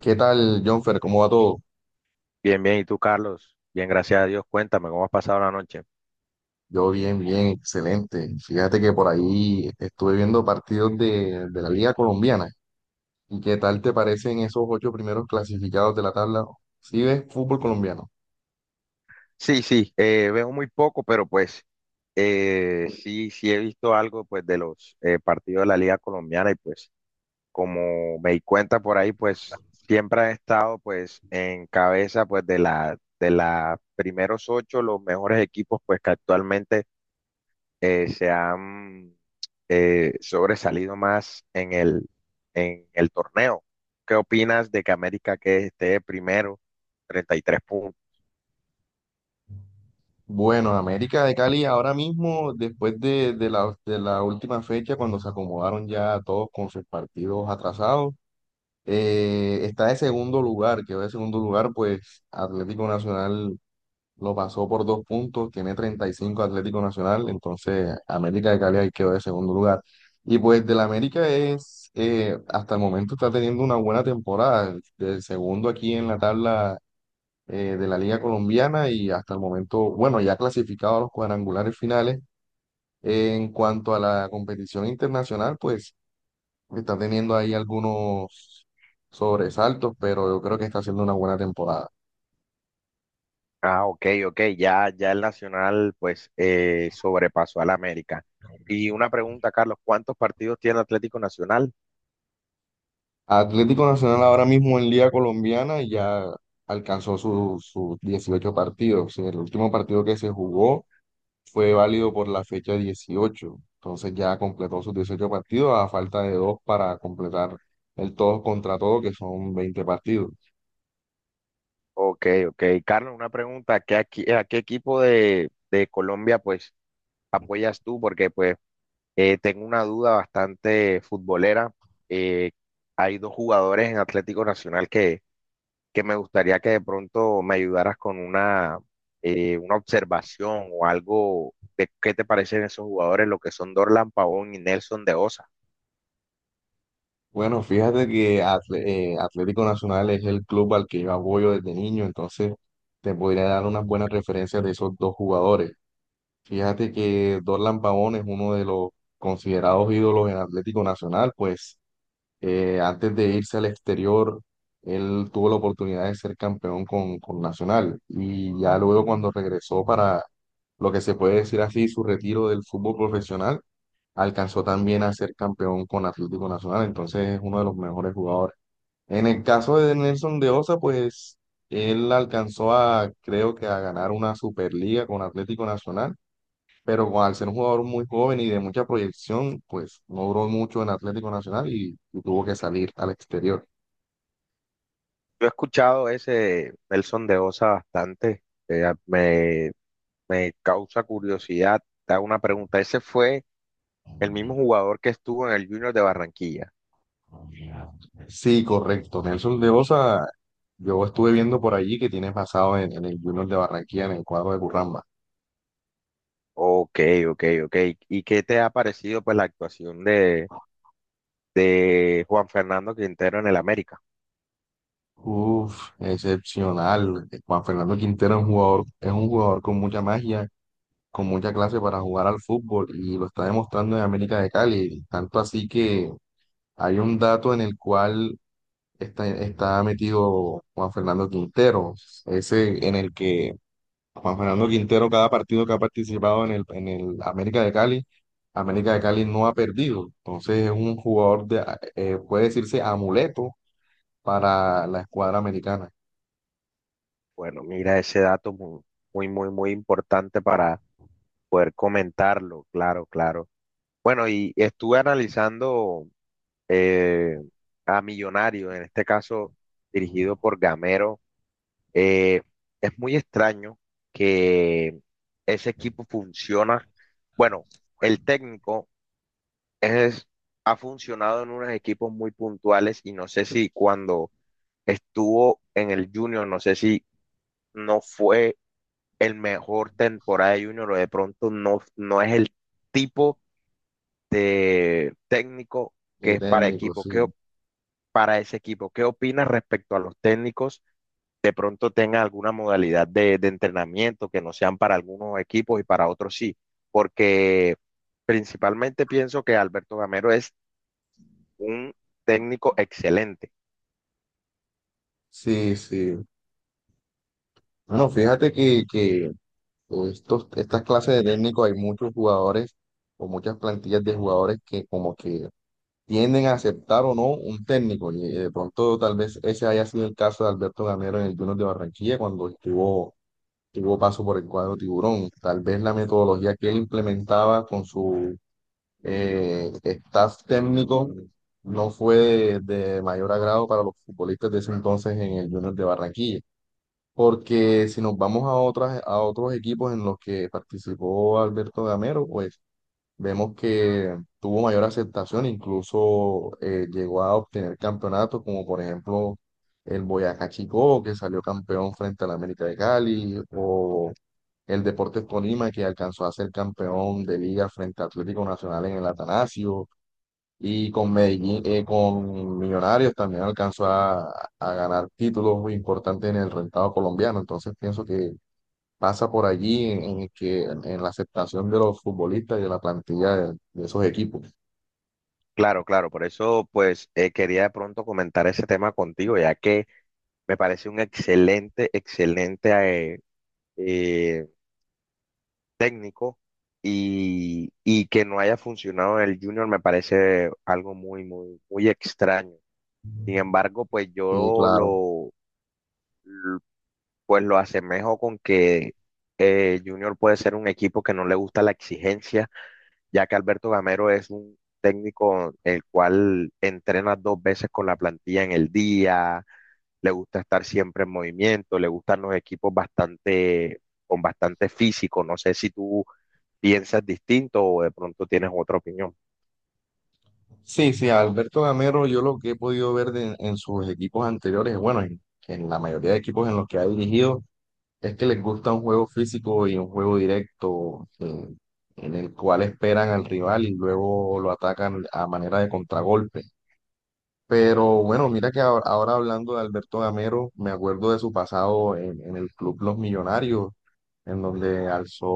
¿Qué tal, Jonfer? ¿Cómo va todo? Bien, bien. ¿Y tú, Carlos? Bien, gracias a Dios. Cuéntame, ¿cómo has pasado la noche? Yo bien, bien, excelente. Fíjate que por ahí estuve viendo partidos de la Liga Colombiana. ¿Y qué tal te parecen esos 8 primeros clasificados de la tabla? ¿Sí ves fútbol colombiano? Sí, sí, veo muy poco, pero sí, sí he visto algo pues de los partidos de la Liga Colombiana y pues como me di cuenta por ahí, pues siempre han estado pues en cabeza pues de la primeros ocho, los mejores equipos pues que actualmente se han sobresalido más en en el torneo. ¿Qué opinas de que América que esté primero, 33 puntos? Bueno, América de Cali ahora mismo, después de la última fecha, cuando se acomodaron ya todos con sus partidos atrasados, está de segundo lugar, quedó de segundo lugar, pues Atlético Nacional lo pasó por 2 puntos, tiene 35 Atlético Nacional, entonces América de Cali ahí quedó de segundo lugar. Y pues del América es, hasta el momento está teniendo una buena temporada, el segundo aquí en la tabla de la Liga Colombiana y hasta el momento, bueno, ya clasificado a los cuadrangulares finales. En cuanto a la competición internacional, pues está teniendo ahí algunos sobresaltos, pero yo creo que está haciendo una buena temporada. Ah, ok, ok, ya, ya el Nacional sobrepasó al América. Y una pregunta, Carlos, ¿cuántos partidos tiene Atlético Nacional? Atlético Nacional ahora mismo en Liga Colombiana ya alcanzó sus 18 partidos. El último partido que se jugó fue válido por la fecha 18. Entonces ya completó sus 18 partidos a falta de 2 para completar el todos contra todo, que son 20 partidos. Ok, ok. Carlos, una pregunta, ¿qué, a qué equipo de Colombia pues apoyas tú? Porque pues tengo una duda bastante futbolera. Eh, hay dos jugadores en Atlético Nacional que me gustaría que de pronto me ayudaras con una observación o algo de qué te parecen esos jugadores, lo que son Dorlan Pavón y Nelson de Osa. Bueno, fíjate que Atlético Nacional es el club al que yo apoyo desde niño, entonces te podría dar unas buenas referencias de esos 2 jugadores. Fíjate que Dorlan Pavón es uno de los considerados ídolos en Atlético Nacional, pues antes de irse al exterior, él tuvo la oportunidad de ser campeón con Nacional y ya luego cuando regresó para lo que se puede decir así, su retiro del fútbol profesional, alcanzó también a ser campeón con Atlético Nacional, entonces es uno de los mejores jugadores. En el caso de Nelson de Osa, pues él alcanzó a, creo que a ganar una Superliga con Atlético Nacional pero al ser un jugador muy joven y de mucha proyección, pues no duró mucho en Atlético Nacional y tuvo que salir al exterior. Yo he escuchado ese Nelson de Osa bastante, eh, me, me causa curiosidad. Te hago una pregunta, ¿ese fue el mismo jugador que estuvo en el Junior de Barranquilla? Sí, correcto. Nelson de Osa, yo estuve viendo por allí que tiene pasado en el Junior de Barranquilla, en el cuadro de Curramba. Ok, ok, ok. ¿Y qué te ha parecido pues la actuación de Juan Fernando Quintero en el América? Uf, excepcional. Juan Fernando Quintero es un jugador con mucha magia, con mucha clase para jugar al fútbol y lo está demostrando en América de Cali. Tanto así que hay un dato en el cual está metido Juan Fernando Quintero, ese en el que Juan Fernando Quintero, cada partido que ha participado en el América de Cali no ha perdido. Entonces es un jugador de, puede decirse amuleto para la escuadra americana. Bueno, mira ese dato muy, muy, muy, muy importante para poder comentarlo, claro, claro. Bueno, y estuve analizando eh, a Millonario, en este caso dirigido por Gamero. Eh, es muy extraño que ese equipo funciona. Bueno, el técnico es, ha funcionado en unos equipos muy puntuales y no sé si cuando estuvo en el Junior, no sé si no fue el mejor temporada de Junior o de pronto no, no es el tipo de técnico que De es para técnico, equipo. Sí. Para ese equipo, ¿qué opinas respecto a los técnicos? De pronto tengan alguna modalidad de entrenamiento que no sean para algunos equipos y para otros sí, porque principalmente pienso que Alberto Gamero es un técnico excelente. Sí, sí. Bueno, fíjate que estas clases de técnicos hay muchos jugadores o muchas plantillas de jugadores que como que tienden a aceptar o no un técnico. Y de pronto tal vez ese haya sido el caso de Alberto Gamero en el Junior de Barranquilla cuando estuvo, tuvo paso por el cuadro Tiburón. Tal vez la metodología que él implementaba con su staff técnico no fue de mayor agrado para los futbolistas de ese entonces en el Junior de Barranquilla. Porque si nos vamos a otros equipos en los que participó Alberto Gamero, pues vemos que tuvo mayor aceptación, incluso llegó a obtener campeonatos, como por ejemplo el Boyacá Chicó, que salió campeón frente al América de Cali, o el Deportes Tolima, que alcanzó a ser campeón de liga frente a Atlético Nacional en el Atanasio, y con Medellín, con Millonarios también alcanzó a ganar títulos muy importantes en el rentado colombiano. Entonces pienso que pasa por allí en la aceptación de los futbolistas y de la plantilla de esos equipos. Claro, claro, por eso quería de pronto comentar ese tema contigo, ya que me parece un excelente, excelente eh, eh, técnico y que no haya funcionado en el Junior me parece algo muy, muy, muy extraño. Sin embargo, pues Sí, yo claro. lo, pues lo asemejo con que Junior puede ser un equipo que no le gusta la exigencia ya que Alberto Gamero es un técnico el cual entrena dos veces con la plantilla en el día, le gusta estar siempre en movimiento, le gustan los equipos bastante, con bastante físico. No sé si tú piensas distinto o de pronto tienes otra opinión. Sí, sí, a Alberto Gamero, yo lo que he podido ver en sus equipos anteriores, bueno, en la mayoría de equipos en los que ha dirigido, es que les gusta un juego físico y un juego directo en el cual esperan al rival y luego lo atacan a manera de contragolpe. Pero bueno, mira que ahora hablando de Alberto Gamero, me acuerdo de su pasado en el club Los Millonarios, en donde alzó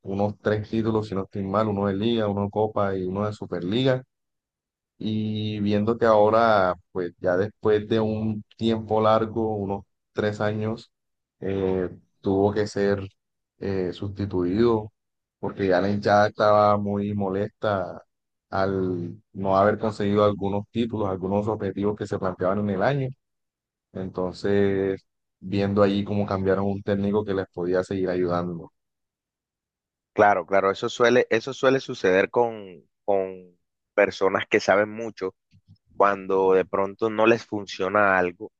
unos 3 títulos, si no estoy mal, uno de Liga, uno de Copa y uno de Superliga. Y viendo que ahora, pues ya después de un tiempo largo, unos 3 años, eh, tuvo que ser sustituido porque ya la hinchada estaba muy molesta al no haber conseguido algunos títulos, algunos objetivos que se planteaban en el año. Entonces, viendo allí cómo cambiaron un técnico que les podía seguir ayudando. Claro, claro, eso suele suceder con personas que saben mucho cuando de pronto no les funciona algo,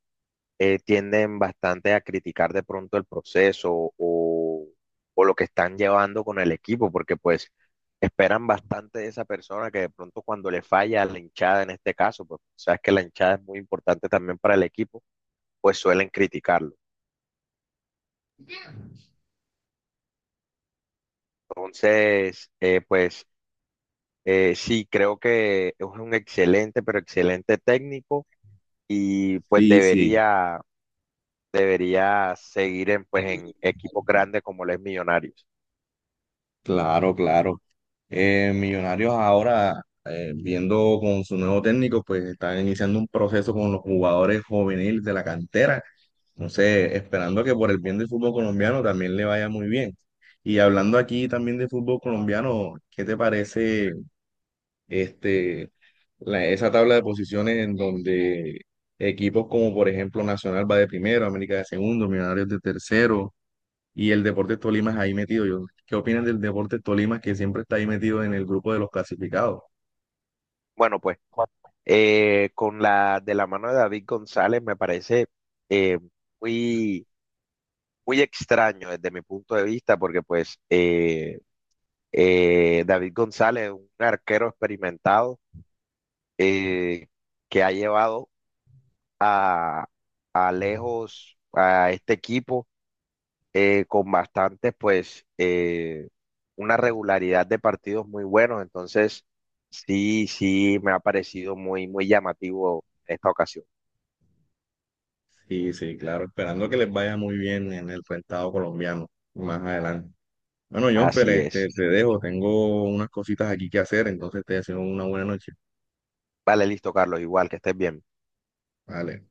tienden bastante a criticar de pronto el proceso o lo que están llevando con el equipo, porque pues esperan bastante de esa persona que de pronto cuando le falla a la hinchada en este caso, pues sabes que la hinchada es muy importante también para el equipo, pues suelen criticarlo. Entonces, sí, creo que es un excelente, pero excelente técnico y pues Sí, sí, debería, debería seguir en, pues, en equipos grandes como los Millonarios. claro, claro. Millonarios ahora, viendo con su nuevo técnico, pues están iniciando un proceso con los jugadores juveniles de la cantera. Entonces, esperando que por el bien del fútbol colombiano también le vaya muy bien. Y hablando aquí también de fútbol colombiano, ¿qué te parece este, esa tabla de posiciones en donde equipos como por ejemplo Nacional va de primero, América de segundo, Millonarios de tercero? Y el Deportes Tolima es ahí metido. Yo, ¿qué opinan del Deportes Tolima que siempre está ahí metido en el grupo de los clasificados? Bueno, con la de la mano de David González me parece eh, muy, muy extraño desde mi punto de vista, porque David González es un arquero experimentado eh, que ha llevado a, a lejos a este equipo, con bastantes, pues, una regularidad de partidos muy buenos. Entonces, sí, sí, me ha parecido muy, muy llamativo esta ocasión. Sí, sí, claro, esperando que les vaya muy bien en el rentado colombiano más adelante. Bueno, Jonfer, Así este, es. te dejo, tengo unas cositas aquí que hacer, entonces te deseo una buena noche. Vale, listo, Carlos, igual, que estés bien. Vale.